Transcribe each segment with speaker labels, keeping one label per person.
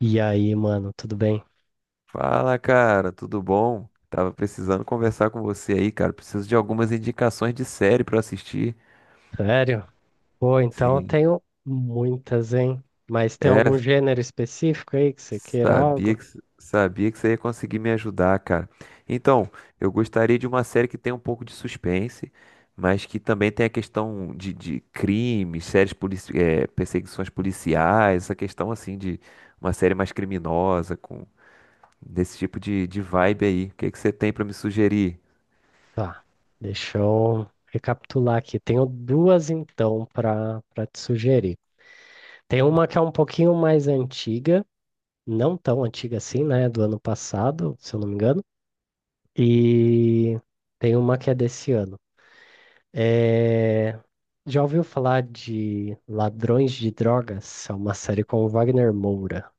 Speaker 1: E aí, mano, tudo bem?
Speaker 2: Fala, cara, tudo bom? Tava precisando conversar com você aí, cara. Preciso de algumas indicações de série pra assistir.
Speaker 1: Sério? Pô, então eu
Speaker 2: Sim.
Speaker 1: tenho muitas, hein? Mas tem algum
Speaker 2: É,
Speaker 1: gênero específico aí que você queira
Speaker 2: sabia
Speaker 1: algo?
Speaker 2: que sabia que você ia conseguir me ajudar, cara. Então, eu gostaria de uma série que tenha um pouco de suspense, mas que também tenha a questão de crimes, séries perseguições policiais, essa questão assim de uma série mais criminosa com desse tipo de vibe aí. O que que você tem pra me sugerir?
Speaker 1: Tá, deixa eu recapitular aqui. Tenho duas então para te sugerir. Tem uma que é um pouquinho mais antiga, não tão antiga assim, né? Do ano passado, se eu não me engano. E tem uma que é desse ano. É, Já ouviu falar de Ladrões de Drogas? É uma série com o Wagner Moura.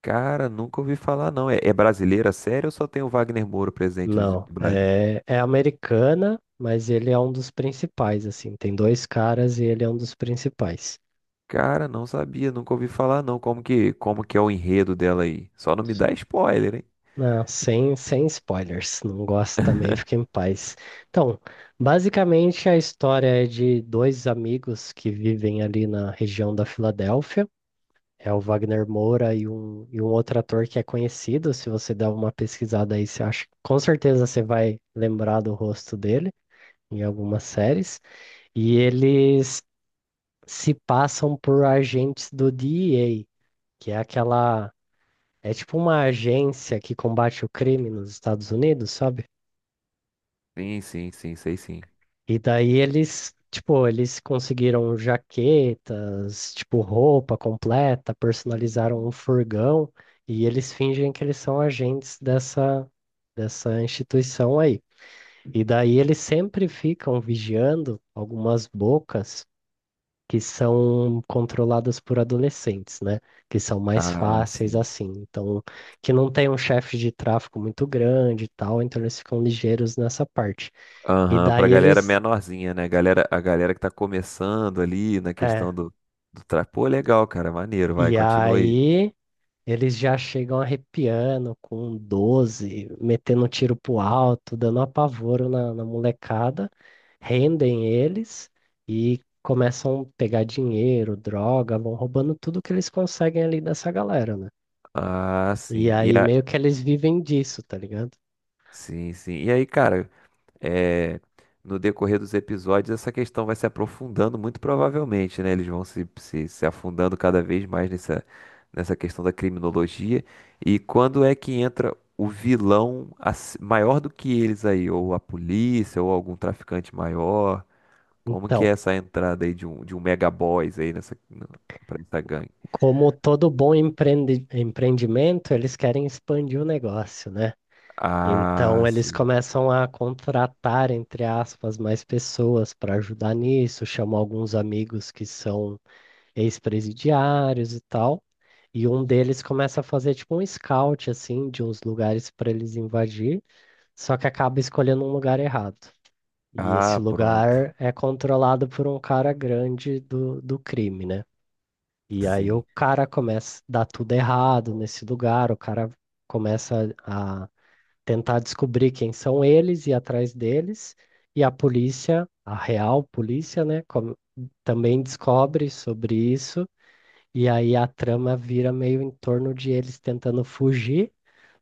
Speaker 2: Cara, nunca ouvi falar, não. É brasileira, sério, ou só tem o Wagner Moura presente do
Speaker 1: Não,
Speaker 2: do Brasil?
Speaker 1: é americana, mas ele é um dos principais, assim. Tem dois caras e ele é um dos principais.
Speaker 2: Cara, não sabia, nunca ouvi falar, não. Como que é o enredo dela aí? Só não me dá spoiler, hein?
Speaker 1: Não, sem spoilers, não gosto também, fica em paz. Então, basicamente a história é de dois amigos que vivem ali na região da Filadélfia. É o Wagner Moura e um outro ator que é conhecido. Se você der uma pesquisada aí, você acha, com certeza você vai lembrar do rosto dele em algumas séries. E eles se passam por agentes do DEA, que é aquela. É tipo uma agência que combate o crime nos Estados Unidos, sabe?
Speaker 2: Sim, sim, sim, sei sim.
Speaker 1: E daí eles, tipo, eles conseguiram jaquetas, tipo, roupa completa, personalizaram um furgão, e eles fingem que eles são agentes dessa instituição aí. E daí eles sempre ficam vigiando algumas bocas que são controladas por adolescentes, né? Que são mais
Speaker 2: Ah,
Speaker 1: fáceis
Speaker 2: sim.
Speaker 1: assim. Então, que não tem um chefe de tráfico muito grande e tal, então eles ficam ligeiros nessa parte. E
Speaker 2: Aham,
Speaker 1: daí
Speaker 2: pra galera
Speaker 1: eles.
Speaker 2: menorzinha, né? A galera que tá começando ali na questão
Speaker 1: É,
Speaker 2: do. Pô, legal, cara, maneiro, vai,
Speaker 1: e
Speaker 2: continua aí.
Speaker 1: aí eles já chegam arrepiando com 12, metendo tiro pro alto, dando apavoro na molecada, rendem eles e. Começam a pegar dinheiro, droga, vão roubando tudo que eles conseguem ali dessa galera, né?
Speaker 2: Ah,
Speaker 1: E
Speaker 2: sim.
Speaker 1: aí meio que eles vivem disso, tá ligado?
Speaker 2: Sim, sim. E aí, cara, é, no decorrer dos episódios, essa questão vai se aprofundando muito provavelmente, né? Eles vão se afundando cada vez mais nessa questão da criminologia. E quando é que entra o vilão maior do que eles aí? Ou a polícia, ou algum traficante maior? Como que é
Speaker 1: Então,
Speaker 2: essa entrada aí de um mega boss aí nessa, pra essa gangue?
Speaker 1: como todo bom empreendimento, eles querem expandir o negócio, né?
Speaker 2: Ah,
Speaker 1: Então, eles
Speaker 2: sim.
Speaker 1: começam a contratar, entre aspas, mais pessoas para ajudar nisso, chamam alguns amigos que são ex-presidiários e tal. E um deles começa a fazer tipo um scout, assim, de uns lugares para eles invadir, só que acaba escolhendo um lugar errado. E esse
Speaker 2: Ah, pronto.
Speaker 1: lugar é controlado por um cara grande do crime, né? E aí o
Speaker 2: Sim.
Speaker 1: cara começa a dar tudo errado nesse lugar, o cara começa a tentar descobrir quem são eles e ir atrás deles, e a polícia, a real polícia, né, também descobre sobre isso, e aí a trama vira meio em torno de eles tentando fugir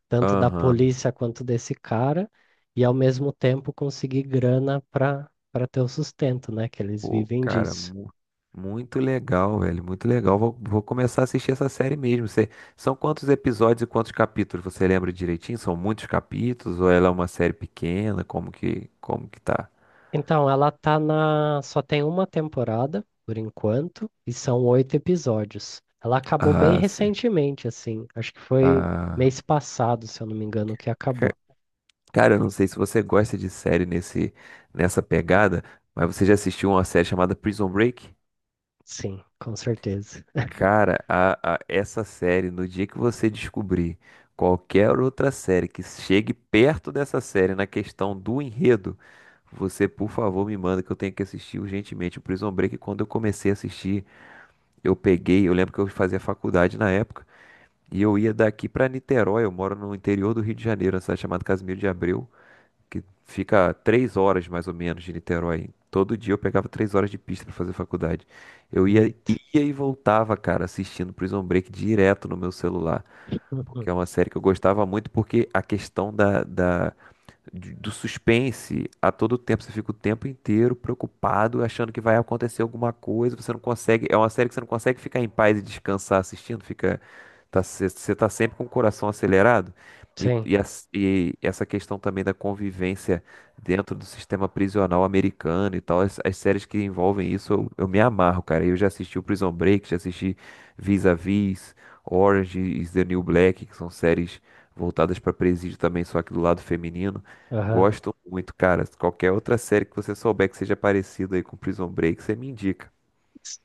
Speaker 1: tanto da
Speaker 2: Aham.
Speaker 1: polícia quanto desse cara, e ao mesmo tempo conseguir grana para ter o sustento, né? Que eles
Speaker 2: Pô,
Speaker 1: vivem
Speaker 2: cara,
Speaker 1: disso.
Speaker 2: muito legal, velho. Muito legal. Vou começar a assistir essa série mesmo. São quantos episódios e quantos capítulos? Você lembra direitinho? São muitos capítulos? Ou ela é uma série pequena? Como que tá?
Speaker 1: Então, ela tá na. Só tem uma temporada, por enquanto, e são oito episódios. Ela acabou bem
Speaker 2: Ah, sim.
Speaker 1: recentemente, assim. Acho que foi
Speaker 2: Ah,
Speaker 1: mês passado, se eu não me engano, que acabou.
Speaker 2: ca- cara, eu não sei se você gosta de série nessa pegada, mas você já assistiu uma série chamada Prison Break?
Speaker 1: Sim, com certeza.
Speaker 2: Cara, essa série, no dia que você descobrir qualquer outra série que chegue perto dessa série na questão do enredo, você, por favor, me manda que eu tenho que assistir urgentemente. O Prison Break, quando eu comecei a assistir, eu peguei, eu lembro que eu fazia faculdade na época, e eu ia daqui pra Niterói, eu moro no interior do Rio de Janeiro, na cidade chamada Casimiro de Abreu que fica 3 horas mais ou menos de Niterói. Todo dia eu pegava 3 horas de pista pra fazer faculdade. Eu ia,
Speaker 1: Neito.
Speaker 2: ia e voltava, cara, assistindo Prison Break direto no meu celular.
Speaker 1: Uhum.
Speaker 2: Porque é uma série que eu gostava muito, porque a questão do suspense a todo tempo. Você fica o tempo inteiro preocupado, achando que vai acontecer alguma coisa. Você não consegue. É uma série que você não consegue ficar em paz e descansar assistindo. Fica, tá, você tá sempre com o coração acelerado. E,
Speaker 1: Sim,
Speaker 2: e, as- e essa questão também da convivência dentro do sistema prisional americano e tal, as séries que envolvem isso, eu me amarro, cara. Eu já assisti o Prison Break, já assisti Vis-a-Vis, Orange is the New Black, que são séries voltadas para presídio também, só que do lado feminino.
Speaker 1: aham,
Speaker 2: Gosto muito, cara. Qualquer outra série que você souber que seja parecida aí com Prison Break, você me indica.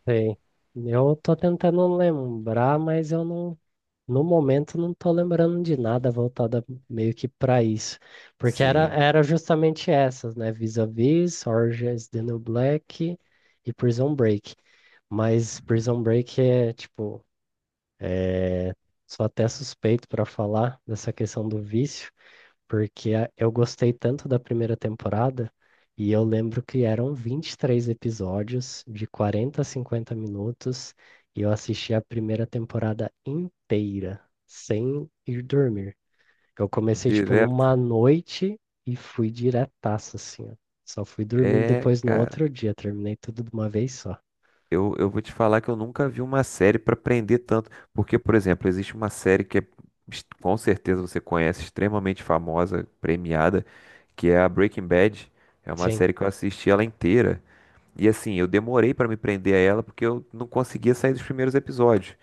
Speaker 1: sei. Eu tô tentando lembrar, mas eu não. No momento, não tô lembrando de nada voltada meio que para isso, porque era,
Speaker 2: Sim,
Speaker 1: era justamente essas, né? Vis-a-Vis, Orange is the New Black e Prison Break. Mas Prison Break é tipo, é... sou até suspeito para falar dessa questão do vício, porque eu gostei tanto da primeira temporada e eu lembro que eram 23 episódios de 40 a 50 minutos e eu assisti a primeira temporada inteira, sem ir dormir. Eu comecei, tipo,
Speaker 2: direto.
Speaker 1: numa noite e fui diretaço, assim, ó. Só fui dormindo
Speaker 2: É,
Speaker 1: depois no
Speaker 2: cara.
Speaker 1: outro dia, terminei tudo de uma vez só.
Speaker 2: Eu vou te falar que eu nunca vi uma série pra prender tanto. Porque, por exemplo, existe uma série que é, com certeza você conhece, extremamente famosa, premiada, que é a Breaking Bad. É uma
Speaker 1: Sim.
Speaker 2: série que eu assisti ela inteira. E assim, eu demorei pra me prender a ela porque eu não conseguia sair dos primeiros episódios.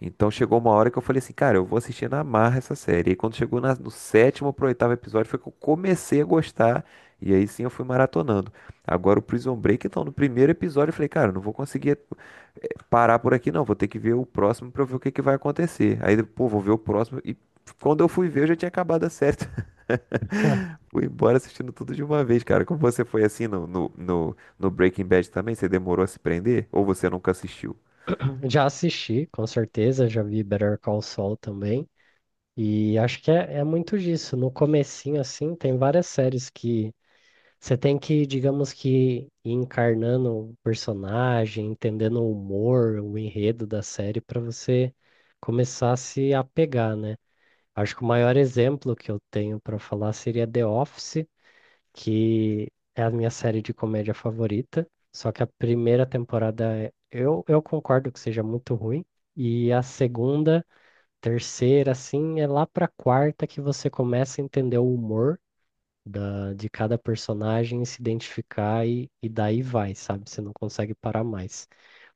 Speaker 2: Então chegou uma hora que eu falei assim, cara, eu vou assistir na marra essa série. E quando chegou no sétimo pro oitavo episódio foi que eu comecei a gostar. E aí sim eu fui maratonando. Agora o Prison Break, então, no primeiro episódio eu falei, cara, não vou conseguir parar por aqui não. Vou ter que ver o próximo pra eu ver o que que vai acontecer. Aí, pô, vou ver o próximo. E quando eu fui ver, eu já tinha acabado a série.
Speaker 1: É.
Speaker 2: Fui embora assistindo tudo de uma vez, cara. Como você foi assim no Breaking Bad também? Você demorou a se prender? Ou você nunca assistiu?
Speaker 1: Já assisti, com certeza, já vi Better Call Saul também. E acho que é muito disso. No comecinho, assim, tem várias séries que você tem que, digamos que, ir encarnando o personagem, entendendo o humor, o enredo da série, para você começar a se apegar, né? Acho que o maior exemplo que eu tenho para falar seria The Office, que é a minha série de comédia favorita. Só que a primeira temporada, eu concordo que seja muito ruim. E a segunda. Terceira, assim, é lá pra quarta que você começa a entender o humor de cada personagem, e se identificar e daí vai, sabe? Você não consegue parar mais.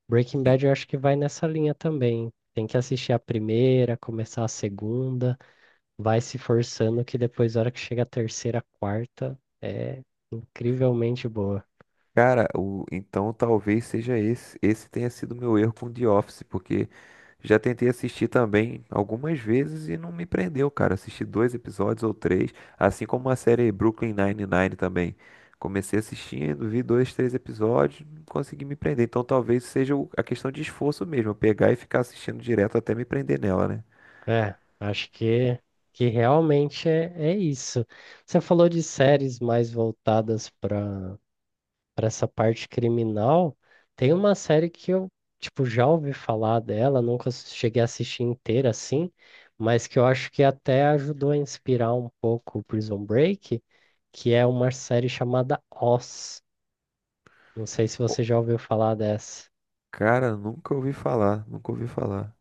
Speaker 1: Breaking Bad eu acho que vai nessa linha também. Tem que assistir a primeira, começar a segunda, vai se forçando que depois, na hora que chega a terceira, quarta, é incrivelmente boa.
Speaker 2: Cara, então talvez seja esse. Esse tenha sido meu erro com The Office, porque já tentei assistir também algumas vezes e não me prendeu, cara. Assisti dois episódios ou três, assim como a série Brooklyn Nine-Nine também. Comecei assistindo, vi dois, três episódios, não consegui me prender. Então talvez seja a questão de esforço mesmo, eu pegar e ficar assistindo direto até me prender nela, né?
Speaker 1: É, acho que realmente é isso. Você falou de séries mais voltadas para essa parte criminal, tem uma série que eu, tipo, já ouvi falar dela, nunca cheguei a assistir inteira assim, mas que eu acho que até ajudou a inspirar um pouco o Prison Break, que é uma série chamada Oz. Não sei se você já ouviu falar dessa.
Speaker 2: Cara, nunca ouvi falar, nunca ouvi falar.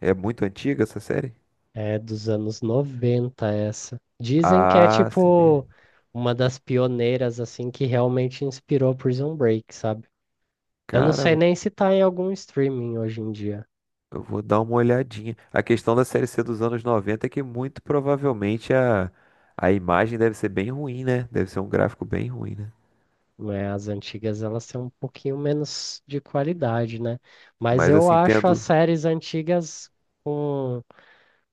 Speaker 2: É muito antiga essa série?
Speaker 1: É dos anos 90 essa. Dizem que é
Speaker 2: Ah, sim.
Speaker 1: tipo
Speaker 2: Bem.
Speaker 1: uma das pioneiras assim que realmente inspirou Prison Break, sabe? Eu não
Speaker 2: Cara,
Speaker 1: sei
Speaker 2: vou
Speaker 1: nem se tá em algum streaming hoje em dia,
Speaker 2: Eu vou dar uma olhadinha. A questão da Série C dos anos 90 é que muito provavelmente a imagem deve ser bem ruim, né? Deve ser um gráfico bem ruim, né?
Speaker 1: né? As antigas elas têm um pouquinho menos de qualidade, né? Mas
Speaker 2: Mas
Speaker 1: eu
Speaker 2: assim,
Speaker 1: acho as
Speaker 2: tendo.
Speaker 1: séries antigas com,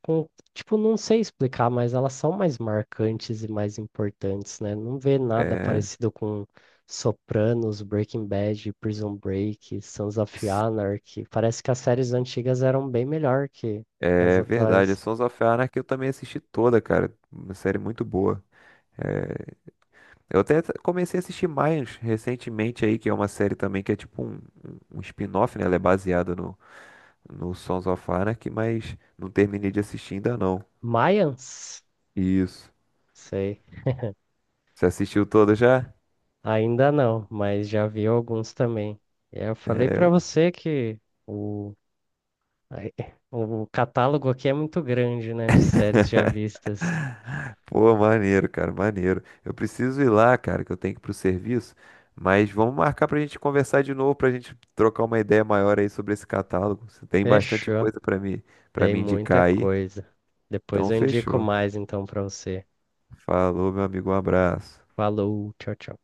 Speaker 1: com, tipo, não sei explicar, mas elas são mais marcantes e mais importantes, né? Não vê nada
Speaker 2: É,
Speaker 1: parecido com Sopranos, Breaking Bad, Prison Break, Sons of
Speaker 2: s-
Speaker 1: Anarchy. Parece que as séries antigas eram bem melhor que as
Speaker 2: é verdade. A
Speaker 1: atuais.
Speaker 2: Sons of Anarchy eu também assisti toda, cara. Uma série muito boa. É, eu até comecei a assistir mais recentemente aí, que é uma série também que é tipo um spin-off, né? Ela é baseada no Sons of Anarchy, mas não terminei de assistir ainda não.
Speaker 1: Mayans?
Speaker 2: Isso.
Speaker 1: Sei.
Speaker 2: Você assistiu toda já?
Speaker 1: Ainda não, mas já vi alguns também. E eu falei para
Speaker 2: É,
Speaker 1: você que o, ai, o catálogo aqui é muito grande, né, de séries já vistas.
Speaker 2: Pô, maneiro, cara, maneiro. Eu preciso ir lá, cara, que eu tenho que ir pro serviço, mas vamos marcar pra gente conversar de novo, pra gente trocar uma ideia maior aí sobre esse catálogo. Você tem bastante
Speaker 1: Fechou.
Speaker 2: coisa pra me, para
Speaker 1: Tem
Speaker 2: me
Speaker 1: muita
Speaker 2: indicar aí.
Speaker 1: coisa.
Speaker 2: Então,
Speaker 1: Depois eu indico
Speaker 2: fechou.
Speaker 1: mais então para você.
Speaker 2: Falou, meu amigo, um abraço.
Speaker 1: Falou, tchau, tchau.